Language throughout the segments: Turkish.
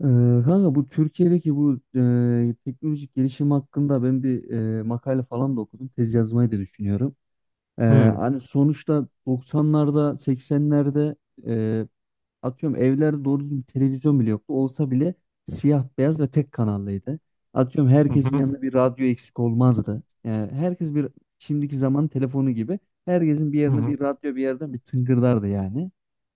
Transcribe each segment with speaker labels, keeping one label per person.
Speaker 1: Ee, Kanka bu Türkiye'deki bu teknolojik gelişim hakkında ben bir makale falan da okudum. Tez yazmayı da düşünüyorum. Ee,
Speaker 2: Hı
Speaker 1: Hani sonuçta 90'larda, 80'lerde atıyorum evlerde doğru düzgün bir televizyon bile yoktu. Olsa bile siyah beyaz ve tek kanallıydı. Atıyorum
Speaker 2: hı
Speaker 1: herkesin
Speaker 2: hı
Speaker 1: yanında bir radyo eksik olmazdı. Yani herkes bir şimdiki zaman telefonu gibi herkesin bir
Speaker 2: hı
Speaker 1: yerine
Speaker 2: hı
Speaker 1: bir radyo bir yerden bir tıngırdardı yani.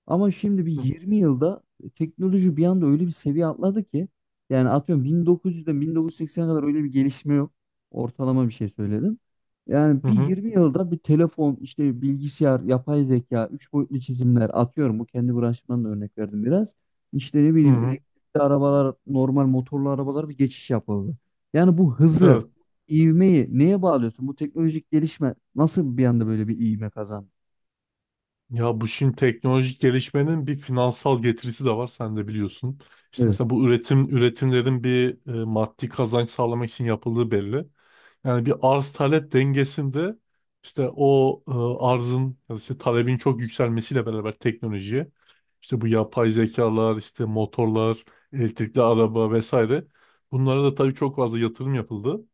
Speaker 1: Ama şimdi bir 20 yılda teknoloji bir anda öyle bir seviye atladı ki yani atıyorum 1900'den 1980'e kadar öyle bir gelişme yok. Ortalama bir şey söyledim. Yani
Speaker 2: hı
Speaker 1: bir
Speaker 2: hı.
Speaker 1: 20 yılda bir telefon, işte bilgisayar, yapay zeka, üç boyutlu çizimler atıyorum. Bu kendi branşımdan da örnek verdim biraz. İşte ne bileyim
Speaker 2: Hı.
Speaker 1: elektrikli arabalar, normal motorlu arabalar bir geçiş yapıldı. Yani bu
Speaker 2: Evet.
Speaker 1: hızı, ivmeyi neye bağlıyorsun? Bu teknolojik gelişme nasıl bir anda böyle bir ivme kazandı?
Speaker 2: Ya bu şimdi teknolojik gelişmenin bir finansal getirisi de var, sen de biliyorsun. İşte
Speaker 1: Evet.
Speaker 2: mesela bu üretimlerin bir maddi kazanç sağlamak için yapıldığı belli. Yani bir arz talep dengesinde işte o arzın ya da işte talebin çok yükselmesiyle beraber teknolojiye, işte bu yapay zekalar, işte motorlar, elektrikli araba vesaire, bunlara da tabii çok fazla yatırım yapıldı.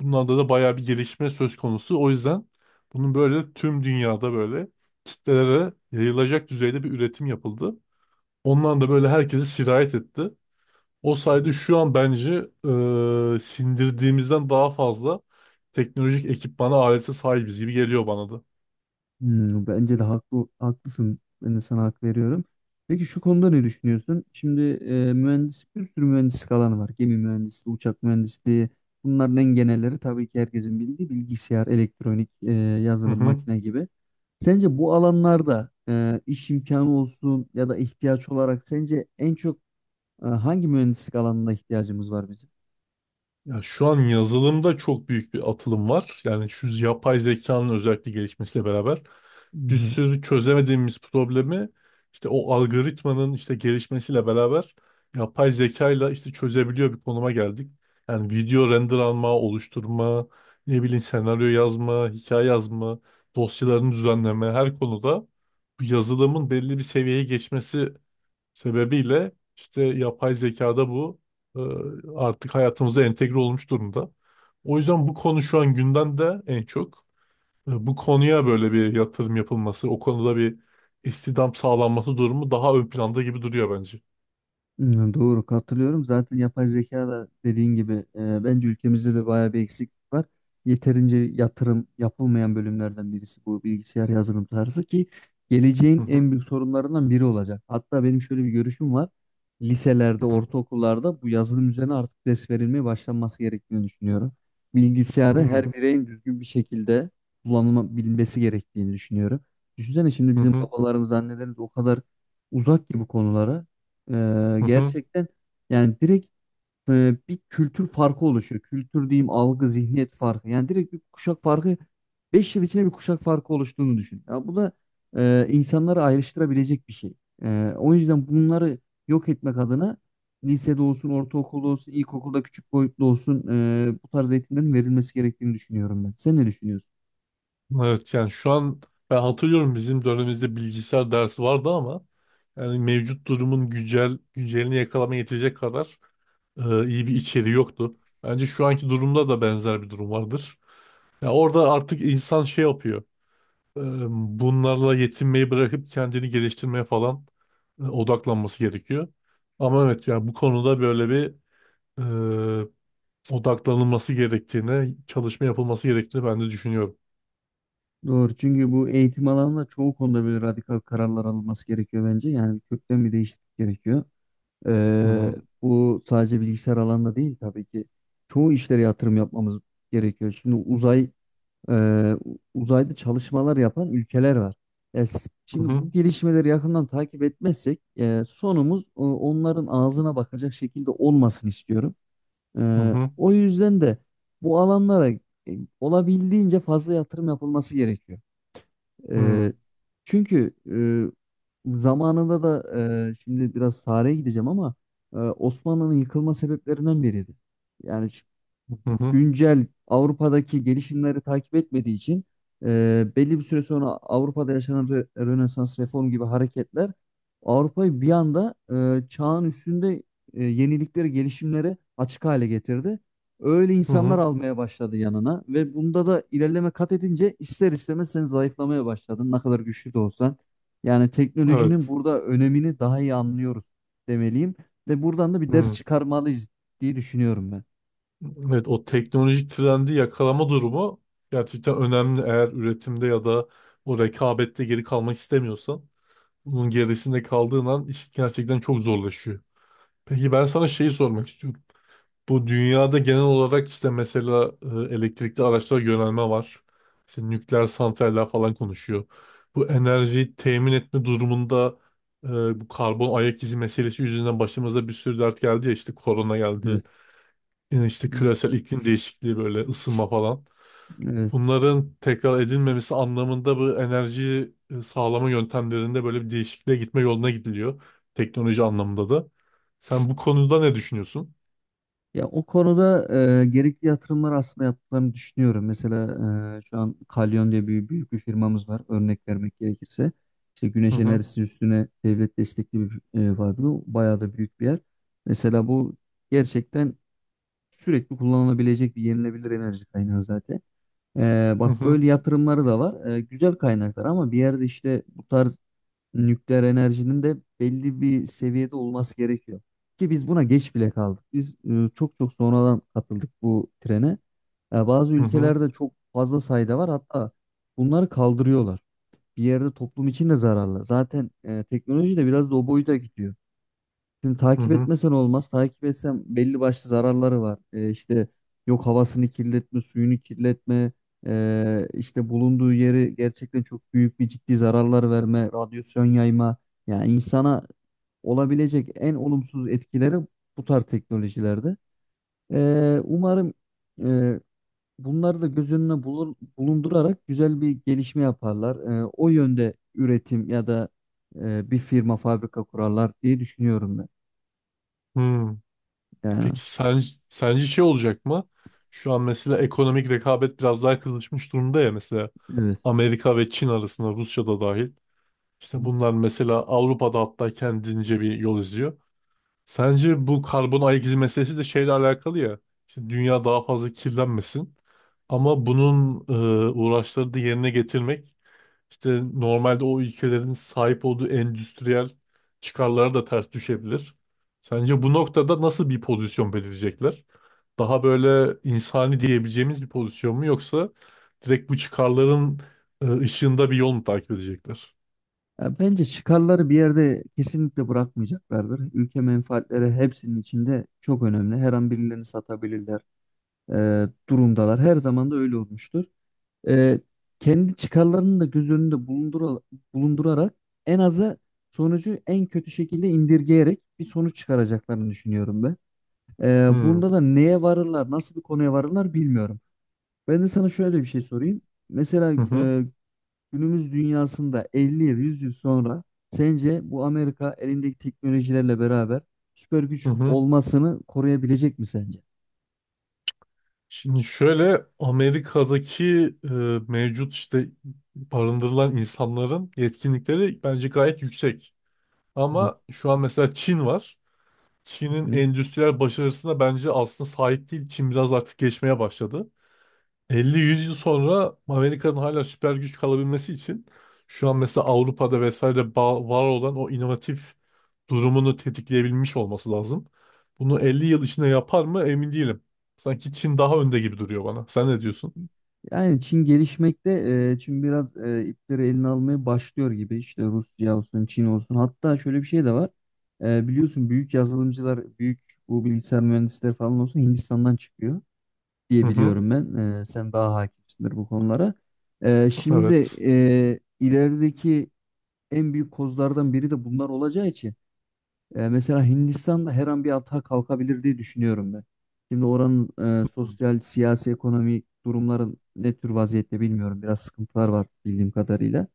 Speaker 2: Bunlarda da bayağı bir gelişme söz konusu. O yüzden bunun böyle tüm dünyada böyle kitlelere yayılacak düzeyde bir üretim yapıldı. Ondan da böyle herkesi sirayet etti. O sayede şu an bence sindirdiğimizden daha fazla teknolojik ekipmana, alete sahibiz gibi geliyor bana da.
Speaker 1: Hmm, bence de haklı, haklısın. Ben de sana hak veriyorum. Peki şu konuda ne düşünüyorsun? Şimdi mühendis bir sürü mühendislik alanı var. Gemi mühendisliği, uçak mühendisliği. Bunların en genelleri tabii ki herkesin bildiği bilgisayar, elektronik,
Speaker 2: Hı
Speaker 1: yazılım,
Speaker 2: hı.
Speaker 1: makine gibi. Sence bu alanlarda iş imkanı olsun ya da ihtiyaç olarak sence en çok hangi mühendislik alanına ihtiyacımız var bizim?
Speaker 2: Ya şu an yazılımda çok büyük bir atılım var. Yani şu yapay zekanın özellikle gelişmesiyle beraber bir
Speaker 1: Hmm.
Speaker 2: sürü çözemediğimiz problemi işte o algoritmanın işte gelişmesiyle beraber yapay zekayla işte çözebiliyor bir konuma geldik. Yani video render alma, oluşturma, ne bileyim senaryo yazma, hikaye yazma, dosyalarını düzenleme, her konuda bu yazılımın belli bir seviyeye geçmesi sebebiyle işte yapay zekada bu e, artık hayatımıza entegre olmuş durumda. O yüzden bu konu şu an gündemde en çok. E, bu konuya böyle bir yatırım yapılması, o konuda bir istihdam sağlanması durumu daha ön planda gibi duruyor bence.
Speaker 1: Hmm, doğru, katılıyorum. Zaten yapay zeka da dediğin gibi bence ülkemizde de bayağı bir eksiklik var. Yeterince yatırım yapılmayan bölümlerden birisi bu bilgisayar yazılım tarzı ki
Speaker 2: Hı
Speaker 1: geleceğin
Speaker 2: hı
Speaker 1: en büyük sorunlarından biri olacak. Hatta benim şöyle bir görüşüm var. Liselerde,
Speaker 2: hı
Speaker 1: ortaokullarda bu yazılım üzerine artık ders verilmeye başlanması gerektiğini düşünüyorum. Bilgisayarı
Speaker 2: hı
Speaker 1: her bireyin düzgün bir şekilde kullanılabilmesi gerektiğini düşünüyorum. Düşünsene şimdi
Speaker 2: hı
Speaker 1: bizim
Speaker 2: hı
Speaker 1: babalarımız, annelerimiz o kadar uzak ki bu konulara.
Speaker 2: hı hı.
Speaker 1: Gerçekten yani direkt bir kültür farkı oluşuyor. Kültür diyeyim algı, zihniyet farkı. Yani direkt bir kuşak farkı. 5 yıl içinde bir kuşak farkı oluştuğunu düşün. Ya bu da insanları ayrıştırabilecek bir şey. O yüzden bunları yok etmek adına lisede olsun, ortaokulda olsun, ilkokulda küçük boyutlu olsun bu tarz eğitimlerin verilmesi gerektiğini düşünüyorum ben. Sen ne düşünüyorsun?
Speaker 2: Evet yani şu an ben hatırlıyorum, bizim dönemimizde bilgisayar dersi vardı ama yani mevcut durumun güncelini yakalama yetecek kadar iyi bir içeriği yoktu. Bence şu anki durumda da benzer bir durum vardır. Ya orada artık insan şey yapıyor. e, Bunlarla yetinmeyi bırakıp kendini geliştirmeye falan odaklanması gerekiyor. Ama evet yani bu konuda böyle bir e, odaklanılması gerektiğine, çalışma yapılması gerektiğini ben de düşünüyorum.
Speaker 1: Doğru. Çünkü bu eğitim alanında çoğu konuda böyle radikal kararlar alınması gerekiyor bence. Yani kökten bir değişiklik gerekiyor.
Speaker 2: Hı
Speaker 1: Ee,
Speaker 2: hı.
Speaker 1: Bu sadece bilgisayar alanında değil tabii ki. Çoğu işlere yatırım yapmamız gerekiyor. Şimdi e, uzayda çalışmalar yapan ülkeler var. E, s-
Speaker 2: Hı
Speaker 1: Şimdi
Speaker 2: hı.
Speaker 1: bu gelişmeleri yakından takip etmezsek sonumuz onların ağzına bakacak şekilde olmasın istiyorum.
Speaker 2: Hı hı.
Speaker 1: O yüzden de bu alanlara olabildiğince fazla yatırım yapılması gerekiyor.
Speaker 2: Hmm.
Speaker 1: Ee, Çünkü zamanında da şimdi biraz tarihe gideceğim ama Osmanlı'nın yıkılma sebeplerinden biriydi. Yani
Speaker 2: Hı hı,
Speaker 1: güncel Avrupa'daki gelişimleri takip etmediği için belli bir süre sonra Avrupa'da yaşanan Rönesans reform gibi hareketler Avrupa'yı bir anda çağın üstünde yeniliklere, gelişimlere açık hale getirdi. Öyle
Speaker 2: hı
Speaker 1: insanlar
Speaker 2: hı,
Speaker 1: almaya başladı yanına ve bunda da ilerleme kat edince ister istemez sen zayıflamaya başladın ne kadar güçlü de olsan. Yani teknolojinin
Speaker 2: evet.
Speaker 1: burada önemini daha iyi anlıyoruz demeliyim ve buradan da bir ders
Speaker 2: Hmm.
Speaker 1: çıkarmalıyız diye düşünüyorum ben.
Speaker 2: Evet, o teknolojik trendi yakalama durumu gerçekten önemli. Eğer üretimde ya da o rekabette geri kalmak istemiyorsan, bunun gerisinde kaldığın an iş gerçekten çok zorlaşıyor. Peki ben sana şeyi sormak istiyorum. Bu dünyada genel olarak işte mesela elektrikli araçlara yönelme var. İşte nükleer santraller falan konuşuyor. Bu enerjiyi temin etme durumunda e, bu karbon ayak izi meselesi yüzünden başımıza bir sürü dert geldi ya, işte korona geldi.
Speaker 1: Evet.
Speaker 2: Yine işte küresel iklim değişikliği, böyle ısınma falan.
Speaker 1: Evet.
Speaker 2: Bunların tekrar edilmemesi anlamında bu enerji sağlama yöntemlerinde böyle bir değişikliğe gitme yoluna gidiliyor. Teknoloji anlamında da. Sen bu konuda ne düşünüyorsun?
Speaker 1: Ya o konuda gerekli yatırımlar aslında yaptıklarını düşünüyorum. Mesela şu an Kalyon diye bir büyük bir firmamız var. Örnek vermek gerekirse. İşte
Speaker 2: Hı
Speaker 1: güneş
Speaker 2: hı.
Speaker 1: enerjisi üstüne devlet destekli bir fabrika. Bayağı da büyük bir yer. Mesela bu gerçekten sürekli kullanılabilecek bir yenilebilir enerji kaynağı zaten.
Speaker 2: Hı
Speaker 1: Bak
Speaker 2: hı.
Speaker 1: böyle yatırımları da var. Güzel kaynaklar ama bir yerde işte bu tarz nükleer enerjinin de belli bir seviyede olması gerekiyor. Ki biz buna geç bile kaldık. Biz çok çok sonradan katıldık bu trene. Bazı
Speaker 2: Hı hı.
Speaker 1: ülkelerde çok fazla sayıda var. Hatta bunları kaldırıyorlar. Bir yerde toplum için de zararlı. Zaten teknoloji de biraz da o boyuta gidiyor. Şimdi
Speaker 2: Hı
Speaker 1: takip
Speaker 2: hı.
Speaker 1: etmesen olmaz. Takip etsem belli başlı zararları var. İşte yok havasını kirletme, suyunu kirletme, işte bulunduğu yeri gerçekten çok büyük bir ciddi zararlar verme, radyasyon yayma. Yani insana olabilecek en olumsuz etkileri bu tarz teknolojilerde. Umarım ee, bunları da göz önüne bulundurarak güzel bir gelişme yaparlar. O yönde üretim ya da bir firma, fabrika kurarlar diye düşünüyorum ben.
Speaker 2: Hı.
Speaker 1: Yani.
Speaker 2: Peki sence, sence şey olacak mı? Şu an mesela ekonomik rekabet biraz daha kızışmış durumda ya, mesela
Speaker 1: Evet.
Speaker 2: Amerika ve Çin arasında, Rusya da dahil. İşte bunlar mesela Avrupa'da hatta kendince bir yol izliyor. Sence bu karbon ayak izi meselesi de şeyle alakalı ya. İşte dünya daha fazla kirlenmesin. Ama bunun uğraşları da yerine getirmek, İşte normalde o ülkelerin sahip olduğu endüstriyel çıkarlara da ters düşebilir. Sence bu noktada nasıl bir pozisyon belirleyecekler? Daha böyle insani diyebileceğimiz bir pozisyon mu, yoksa direkt bu çıkarların ışığında bir yol mu takip edecekler?
Speaker 1: Ya bence çıkarları bir yerde kesinlikle bırakmayacaklardır. Ülke menfaatleri hepsinin içinde çok önemli. Her an birilerini satabilirler durumdalar. Her zaman da öyle olmuştur. E, Kendi çıkarlarını da göz önünde bulundurarak en azı sonucu en kötü şekilde indirgeyerek bir sonuç çıkaracaklarını düşünüyorum ben.
Speaker 2: Hmm.
Speaker 1: Bunda da neye varırlar, nasıl bir konuya varırlar bilmiyorum. Ben de sana şöyle bir şey sorayım. Mesela
Speaker 2: Hı hı.
Speaker 1: günümüz dünyasında 50 yıl, 100 yıl sonra sence bu Amerika elindeki teknolojilerle beraber süper
Speaker 2: Hı
Speaker 1: güç
Speaker 2: hı.
Speaker 1: olmasını koruyabilecek mi sence?
Speaker 2: Şimdi şöyle, Amerika'daki e, mevcut işte barındırılan insanların yetkinlikleri bence gayet yüksek.
Speaker 1: Evet.
Speaker 2: Ama şu an mesela Çin var.
Speaker 1: Hı
Speaker 2: Çin'in
Speaker 1: hı.
Speaker 2: endüstriyel başarısına bence aslında sahip değil. Çin biraz artık geçmeye başladı. 50-100 yıl sonra Amerika'nın hala süper güç kalabilmesi için şu an mesela Avrupa'da vesaire var olan o inovatif durumunu tetikleyebilmiş olması lazım. Bunu 50 yıl içinde yapar mı emin değilim. Sanki Çin daha önde gibi duruyor bana. Sen ne diyorsun?
Speaker 1: Yani Çin gelişmekte, Çin biraz ipleri eline almaya başlıyor gibi. İşte Rusya olsun, Çin olsun. Hatta şöyle bir şey de var. Biliyorsun büyük yazılımcılar, büyük bu bilgisayar mühendisleri falan olsun Hindistan'dan çıkıyor
Speaker 2: Hı
Speaker 1: diye
Speaker 2: hı,
Speaker 1: biliyorum ben. Sen daha hakimsindir bu konulara. Şimdi de
Speaker 2: evet.
Speaker 1: ilerideki en büyük kozlardan biri de bunlar olacağı için mesela Hindistan'da her an bir atağa kalkabilir diye düşünüyorum ben. Şimdi oranın sosyal, siyasi, ekonomik durumların ne tür vaziyette bilmiyorum. Biraz sıkıntılar var bildiğim kadarıyla.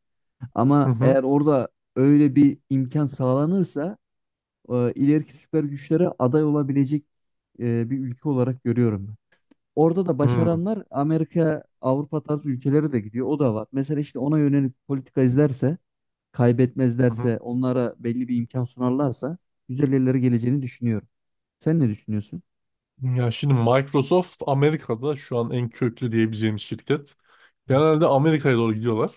Speaker 2: Hı
Speaker 1: Ama
Speaker 2: hı,
Speaker 1: eğer orada öyle bir imkan sağlanırsa ileriki süper güçlere aday olabilecek bir ülke olarak görüyorum ben. Orada da
Speaker 2: hı hı.
Speaker 1: başaranlar Amerika, Avrupa tarzı ülkelere de gidiyor. O da var. Mesela işte ona yönelik politika izlerse
Speaker 2: Hı.
Speaker 1: kaybetmezlerse, onlara belli bir imkan sunarlarsa güzel yerlere geleceğini düşünüyorum. Sen ne düşünüyorsun?
Speaker 2: Ya şimdi Microsoft Amerika'da şu an en köklü diyebileceğimiz şirket. Genelde Amerika'ya doğru gidiyorlar.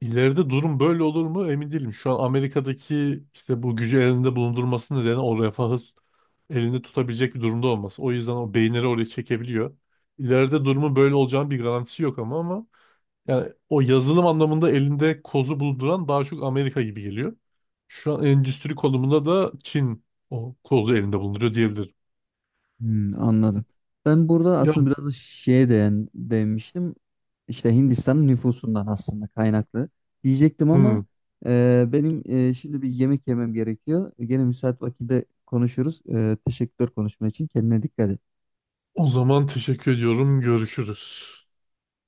Speaker 2: İleride durum böyle olur mu emin değilim. Şu an Amerika'daki işte bu gücü elinde bulundurması nedeni o refahı elinde tutabilecek bir durumda olması. O yüzden o beyinleri oraya çekebiliyor. İleride durumun böyle olacağının bir garantisi yok, ama yani o yazılım anlamında elinde kozu bulunduran daha çok Amerika gibi geliyor. Şu an endüstri konumunda da Çin o kozu elinde bulunduruyor diyebilirim.
Speaker 1: Hmm, anladım. Ben burada
Speaker 2: Ya,
Speaker 1: aslında biraz da şeye değinmiştim. İşte Hindistan'ın nüfusundan aslında kaynaklı diyecektim
Speaker 2: hmm.
Speaker 1: ama benim şimdi bir yemek yemem gerekiyor. Gene müsait vakitte konuşuruz. Teşekkürler konuşma için. Kendine dikkat et.
Speaker 2: O zaman teşekkür ediyorum. Görüşürüz.